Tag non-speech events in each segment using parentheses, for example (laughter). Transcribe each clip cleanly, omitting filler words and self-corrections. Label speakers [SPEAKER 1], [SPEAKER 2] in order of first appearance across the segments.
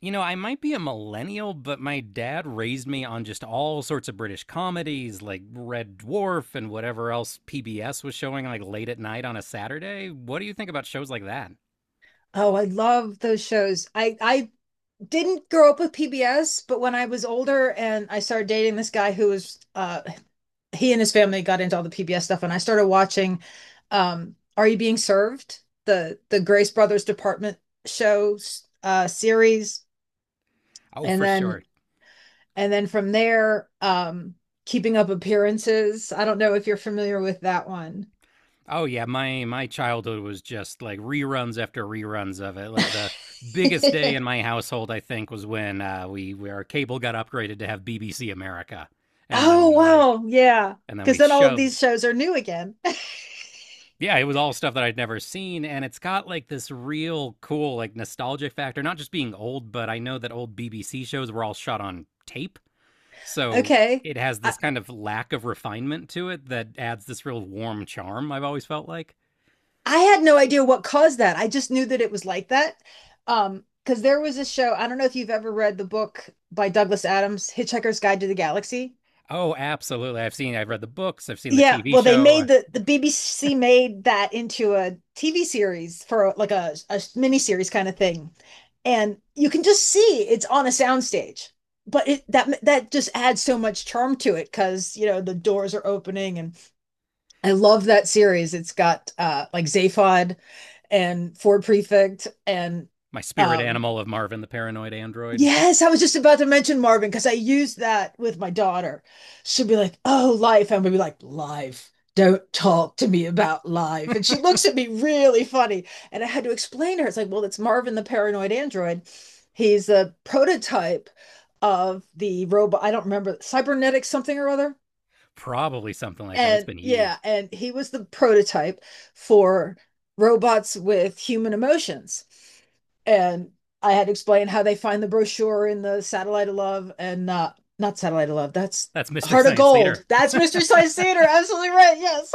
[SPEAKER 1] I might be a millennial, but my dad raised me on just all sorts of British comedies like Red Dwarf and whatever else PBS was showing like late at night on a Saturday. What do you think about shows like that?
[SPEAKER 2] Oh, I love those shows. I didn't grow up with PBS, but when I was older and I started dating this guy who was he and his family got into all the PBS stuff, and I started watching Are You Being Served? The Grace Brothers Department shows, series.
[SPEAKER 1] Oh,
[SPEAKER 2] and
[SPEAKER 1] for
[SPEAKER 2] then
[SPEAKER 1] sure.
[SPEAKER 2] and then from there, Keeping Up Appearances. I don't know if you're familiar with that one.
[SPEAKER 1] Oh yeah, my childhood was just like reruns after reruns of it. Like the biggest day in
[SPEAKER 2] (laughs)
[SPEAKER 1] my household, I think, was when we our cable got upgraded to have BBC America, and
[SPEAKER 2] Oh,
[SPEAKER 1] then like
[SPEAKER 2] wow. Yeah.
[SPEAKER 1] and then
[SPEAKER 2] Because
[SPEAKER 1] we
[SPEAKER 2] then all of
[SPEAKER 1] shoved.
[SPEAKER 2] these shows are new again. (laughs)
[SPEAKER 1] Yeah, it was all stuff that I'd never seen, and it's got like this real cool, like nostalgic factor. Not just being old, but I know that old BBC shows were all shot on tape, so
[SPEAKER 2] Okay.
[SPEAKER 1] it has
[SPEAKER 2] I,
[SPEAKER 1] this kind of lack of refinement to it that adds this real warm charm, I've always felt like.
[SPEAKER 2] I had no idea what caused that. I just knew that it was like that. Because there was a show, I don't know if you've ever read the book by Douglas Adams, Hitchhiker's Guide to the Galaxy.
[SPEAKER 1] Oh, absolutely. I've seen, I've read the books, I've seen the
[SPEAKER 2] Yeah,
[SPEAKER 1] TV
[SPEAKER 2] well, they
[SPEAKER 1] show,
[SPEAKER 2] made the BBC made that into a TV series for like a mini series kind of thing. And you can just see it's on a soundstage. But it that that just adds so much charm to it because, you know, the doors are opening and I love that series. It's got like Zaphod and Ford Prefect, and
[SPEAKER 1] my spirit
[SPEAKER 2] um
[SPEAKER 1] animal of Marvin the Paranoid Android.
[SPEAKER 2] yes, I was just about to mention Marvin because I used that with my daughter. She'll be like, "Oh, life," and we'll be like, "Life." Don't talk to me about life. And she looks at me really funny. And I had to explain to her, it's like, well, it's Marvin the paranoid android. He's a prototype of the robot. I don't remember, cybernetic something or other.
[SPEAKER 1] Probably something like that. It's
[SPEAKER 2] And
[SPEAKER 1] been
[SPEAKER 2] yeah,
[SPEAKER 1] years.
[SPEAKER 2] and he was the prototype for robots with human emotions. And I had explained how they find the brochure in the Satellite of Love, and not Satellite of Love. That's
[SPEAKER 1] That's Mystery
[SPEAKER 2] Heart of
[SPEAKER 1] Science
[SPEAKER 2] Gold.
[SPEAKER 1] Theater.
[SPEAKER 2] That's Mystery
[SPEAKER 1] (laughs)
[SPEAKER 2] Science Theater. Absolutely right. Yes.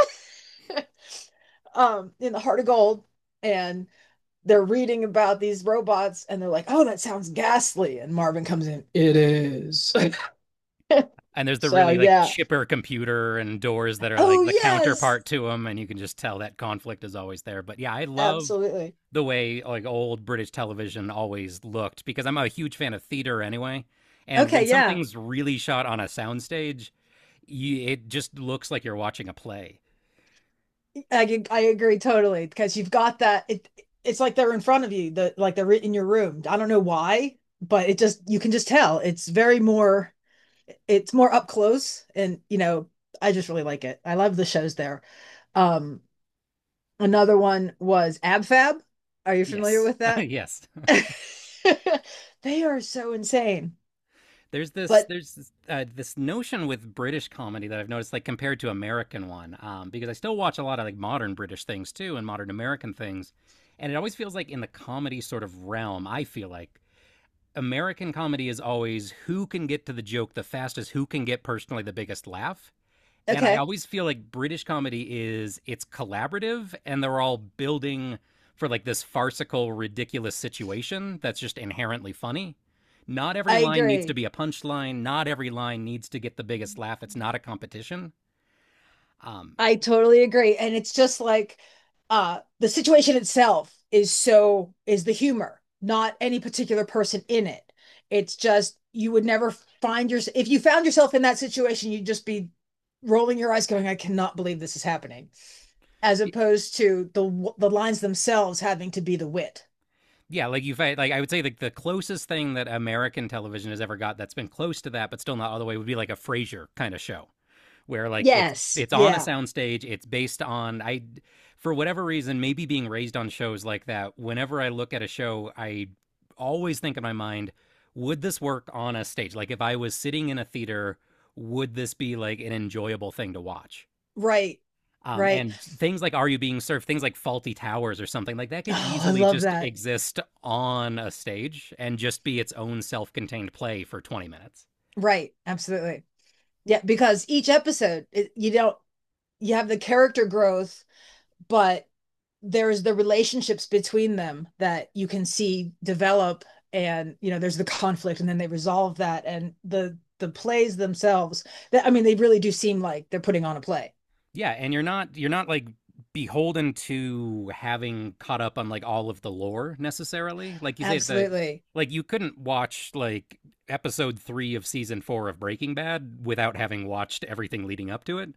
[SPEAKER 2] (laughs) In the Heart of Gold, and they're reading about these robots, and they're like, "Oh, that sounds ghastly." And Marvin comes in. It is.
[SPEAKER 1] and there's
[SPEAKER 2] (laughs)
[SPEAKER 1] the
[SPEAKER 2] So
[SPEAKER 1] really like
[SPEAKER 2] yeah.
[SPEAKER 1] chipper computer and doors that are like
[SPEAKER 2] Oh
[SPEAKER 1] the
[SPEAKER 2] yes,
[SPEAKER 1] counterpart to them, and you can just tell that conflict is always there, but yeah, I love
[SPEAKER 2] absolutely.
[SPEAKER 1] the way like old British television always looked, because I'm a huge fan of theater anyway. And
[SPEAKER 2] Okay,
[SPEAKER 1] when
[SPEAKER 2] yeah.
[SPEAKER 1] something's really shot on a soundstage, you, it just looks like you're watching a play.
[SPEAKER 2] I I agree totally because you've got that, it's like they're in front of you, the like they're in your room. I don't know why, but it just you can just tell. It's very more, it's more up close, and you know, I just really like it. I love the shows there. Um Another one was Ab Fab. Are you familiar
[SPEAKER 1] Yes,
[SPEAKER 2] with
[SPEAKER 1] (laughs)
[SPEAKER 2] that?
[SPEAKER 1] yes.
[SPEAKER 2] (laughs) They are so insane.
[SPEAKER 1] There's this
[SPEAKER 2] But
[SPEAKER 1] there's this, uh, this notion with British comedy that I've noticed, like compared to American one, because I still watch a lot of like modern British things too and modern American things, and it always feels like in the comedy sort of realm, I feel like American comedy is always who can get to the joke the fastest, who can get personally the biggest laugh, and I
[SPEAKER 2] okay,
[SPEAKER 1] always feel like British comedy is it's collaborative and they're all building for like this farcical, ridiculous situation that's just inherently funny. Not every
[SPEAKER 2] I
[SPEAKER 1] line needs to
[SPEAKER 2] agree.
[SPEAKER 1] be a punchline. Not every line needs to get the biggest laugh. It's not a competition. Um,
[SPEAKER 2] I totally agree. And it's just like the situation itself is so is the humor, not any particular person in it. It's just you would never find yourself, if you found yourself in that situation, you'd just be rolling your eyes going, I cannot believe this is happening, as opposed to the lines themselves having to be the wit.
[SPEAKER 1] yeah, like you have, like I would say like the closest thing that American television has ever got that's been close to that, but still not all the way, would be like a Frasier kind of show where like it's
[SPEAKER 2] Yes.
[SPEAKER 1] it's on a
[SPEAKER 2] Yeah,
[SPEAKER 1] soundstage, it's based on, I, for whatever reason, maybe being raised on shows like that, whenever I look at a show I always think in my mind, would this work on a stage? Like if I was sitting in a theater, would this be like an enjoyable thing to watch?
[SPEAKER 2] right. Right.
[SPEAKER 1] And things like Are You Being Served, things like Faulty Towers, or something like that could
[SPEAKER 2] Oh, I
[SPEAKER 1] easily
[SPEAKER 2] love
[SPEAKER 1] just
[SPEAKER 2] that.
[SPEAKER 1] exist on a stage and just be its own self-contained play for 20 minutes.
[SPEAKER 2] Right. Absolutely. Yeah, because each episode it, you don't, you have the character growth, but there's the relationships between them that you can see develop, and you know there's the conflict and then they resolve that, and the plays themselves, that I mean they really do seem like they're putting on a play.
[SPEAKER 1] Yeah, and you're not like beholden to having caught up on like all of the lore necessarily. Like you say that,
[SPEAKER 2] Absolutely
[SPEAKER 1] like you couldn't watch like episode 3 of season 4 of Breaking Bad without having watched everything leading up to it.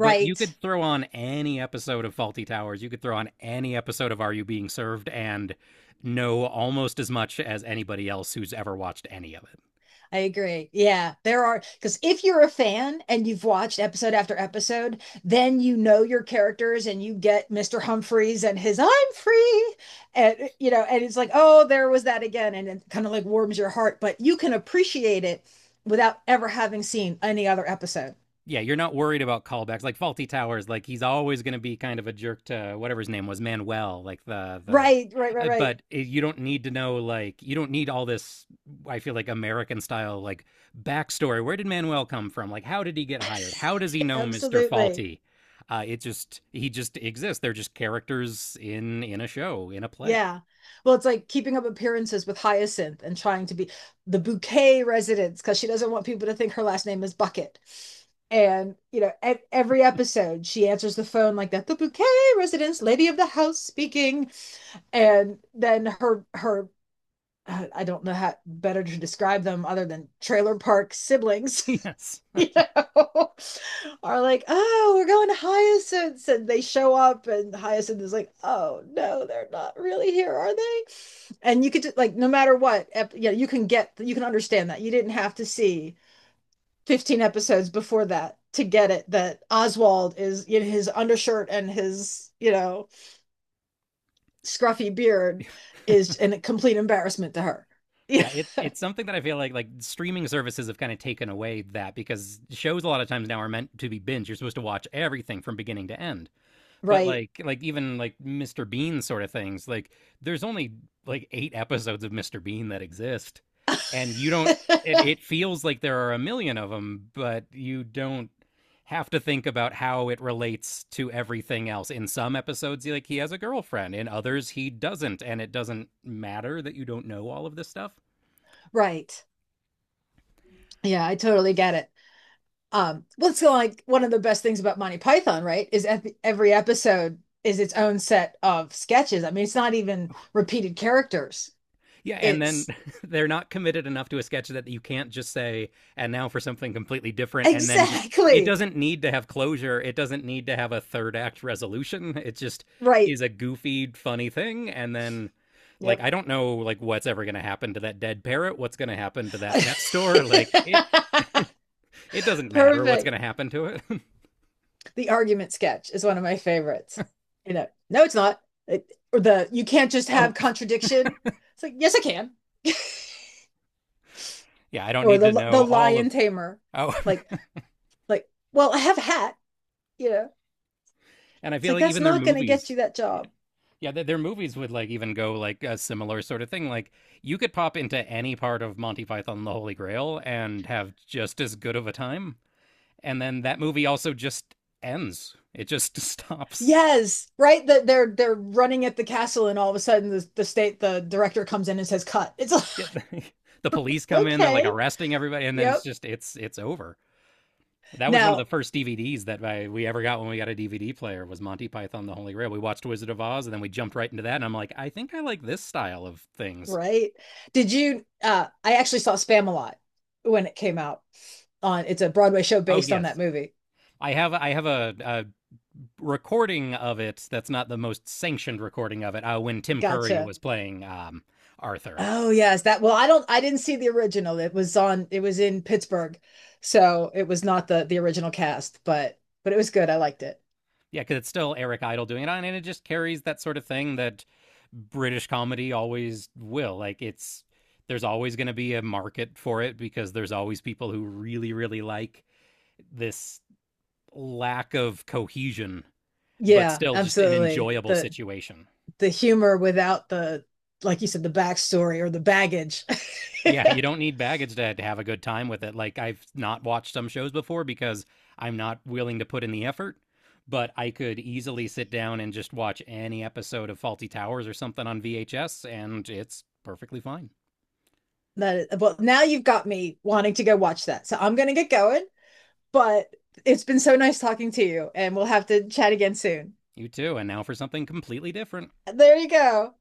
[SPEAKER 1] But you could throw on any episode of Faulty Towers, you could throw on any episode of Are You Being Served and know almost as much as anybody else who's ever watched any of it.
[SPEAKER 2] I agree. Yeah, there are, because if you're a fan and you've watched episode after episode, then you know your characters and you get Mr. Humphreys and his "I'm free," and you know, and it's like, oh, there was that again, and it kind of like warms your heart. But you can appreciate it without ever having seen any other episode.
[SPEAKER 1] Yeah, you're not worried about callbacks like Faulty Towers. Like he's always going to be kind of a jerk to whatever his name was, Manuel. Like
[SPEAKER 2] Right, right, right, right.
[SPEAKER 1] but you don't need to know, like you don't need all this. I feel like American style like backstory. Where did Manuel come from? Like how did he get hired? How does he know Mister
[SPEAKER 2] Absolutely.
[SPEAKER 1] Faulty? It just, he just exists. They're just characters in a show in a play.
[SPEAKER 2] Yeah. Well, it's like Keeping Up Appearances with Hyacinth and trying to be the Bouquet residence because she doesn't want people to think her last name is Bucket. And, you know, at every episode, she answers the phone like that, the Bouquet residence, lady of the house speaking. And then her (sighs) I don't know how better to describe them other than trailer park siblings.
[SPEAKER 1] (laughs) yes.
[SPEAKER 2] (laughs) You know, (laughs) are like, oh, we're going to Hyacinth's, and they show up, and Hyacinth is like, oh no, they're not really here, are they? And you could like, no matter what, you know, you can get, you can understand that you didn't have to see 15 episodes before that to get it that Oswald is in his undershirt and his, you know, scruffy beard is a complete embarrassment to her. (laughs)
[SPEAKER 1] Yeah,
[SPEAKER 2] Yeah,
[SPEAKER 1] it, it's something that I feel like streaming services have kind of taken away that, because shows a lot of times now are meant to be binge. You're supposed to watch everything from beginning to end. But
[SPEAKER 2] right.
[SPEAKER 1] like even like Mr. Bean sort of things, like there's only like eight episodes of Mr. Bean that exist, and you don't. It
[SPEAKER 2] (laughs)
[SPEAKER 1] feels like there are a million of them, but you don't have to think about how it relates to everything else. In some episodes, like he has a girlfriend. In others, he doesn't, and it doesn't matter that you don't know all of this stuff.
[SPEAKER 2] Right. Yeah, I totally get it. Well, it's like one of the best things about Monty Python, right? Is every episode is its own set of sketches. I mean, it's not even repeated characters.
[SPEAKER 1] Yeah, and then
[SPEAKER 2] It's
[SPEAKER 1] (laughs) they're not committed enough to a sketch that you can't just say, and now for something completely
[SPEAKER 2] (laughs)
[SPEAKER 1] different, and then just, it
[SPEAKER 2] exactly
[SPEAKER 1] doesn't need to have closure. It doesn't need to have a third act resolution. It just
[SPEAKER 2] right.
[SPEAKER 1] is a goofy, funny thing. And then, like,
[SPEAKER 2] Yep.
[SPEAKER 1] I don't know, like, what's ever going to happen to that dead parrot? What's going to happen to that pet store?
[SPEAKER 2] (laughs)
[SPEAKER 1] Like, it doesn't matter what's going
[SPEAKER 2] Perfect.
[SPEAKER 1] to happen to it.
[SPEAKER 2] The argument sketch is one of my favorites. You know, no, it's not. It, or the you can't just
[SPEAKER 1] (laughs)
[SPEAKER 2] have
[SPEAKER 1] oh,
[SPEAKER 2] contradiction. It's like, yes, I can. (laughs)
[SPEAKER 1] yeah, I don't
[SPEAKER 2] Or
[SPEAKER 1] need to
[SPEAKER 2] the
[SPEAKER 1] know all of.
[SPEAKER 2] lion tamer.
[SPEAKER 1] Oh,
[SPEAKER 2] Like, Like, well, I have a hat, you know.
[SPEAKER 1] (laughs) and I
[SPEAKER 2] It's
[SPEAKER 1] feel
[SPEAKER 2] like
[SPEAKER 1] like
[SPEAKER 2] that's
[SPEAKER 1] even their
[SPEAKER 2] not going to get
[SPEAKER 1] movies,
[SPEAKER 2] you that job.
[SPEAKER 1] yeah, their movies would like even go like a similar sort of thing. Like you could pop into any part of Monty Python and the Holy Grail and have just as good of a time. And then that movie also just ends. It just stops.
[SPEAKER 2] Yes, right. That they're running at the castle, and all of a sudden the state the director comes in and says cut. It's like
[SPEAKER 1] Yeah. (laughs) the police
[SPEAKER 2] (laughs)
[SPEAKER 1] come in, they're like
[SPEAKER 2] okay,
[SPEAKER 1] arresting everybody, and then it's
[SPEAKER 2] yep.
[SPEAKER 1] just it's over. That was one of the
[SPEAKER 2] Now,
[SPEAKER 1] first DVDs that we ever got when we got a DVD player, was Monty Python and the Holy Grail. We watched Wizard of Oz and then we jumped right into that and I'm like, I think I like this style of things.
[SPEAKER 2] right? Did you? I actually saw Spam a lot when it came out. On it's a Broadway show
[SPEAKER 1] Oh
[SPEAKER 2] based on that
[SPEAKER 1] yes.
[SPEAKER 2] movie.
[SPEAKER 1] I have a recording of it that's not the most sanctioned recording of it, when Tim Curry
[SPEAKER 2] Gotcha.
[SPEAKER 1] was playing Arthur.
[SPEAKER 2] Oh yes, that. Well, I don't. I didn't see the original. It was on. It was in Pittsburgh, so it was not the original cast, but it was good. I liked it.
[SPEAKER 1] Yeah, because it's still Eric Idle doing it on, and it just carries that sort of thing that British comedy always will. Like it's, there's always going to be a market for it because there's always people who really like this lack of cohesion, but
[SPEAKER 2] Yeah,
[SPEAKER 1] still just an
[SPEAKER 2] absolutely.
[SPEAKER 1] enjoyable situation.
[SPEAKER 2] The humor without the, like you said, the backstory or the baggage. (laughs)
[SPEAKER 1] Yeah, you don't need baggage to have a good time with it. Like I've not watched some shows before because I'm not willing to put in the effort, but I could easily sit down and just watch any episode of Faulty Towers or something on VHS and it's perfectly fine.
[SPEAKER 2] That is, well, now you've got me wanting to go watch that. So I'm gonna get going, but it's been so nice talking to you, and we'll have to chat again soon.
[SPEAKER 1] You too. And now for something completely different.
[SPEAKER 2] There you go.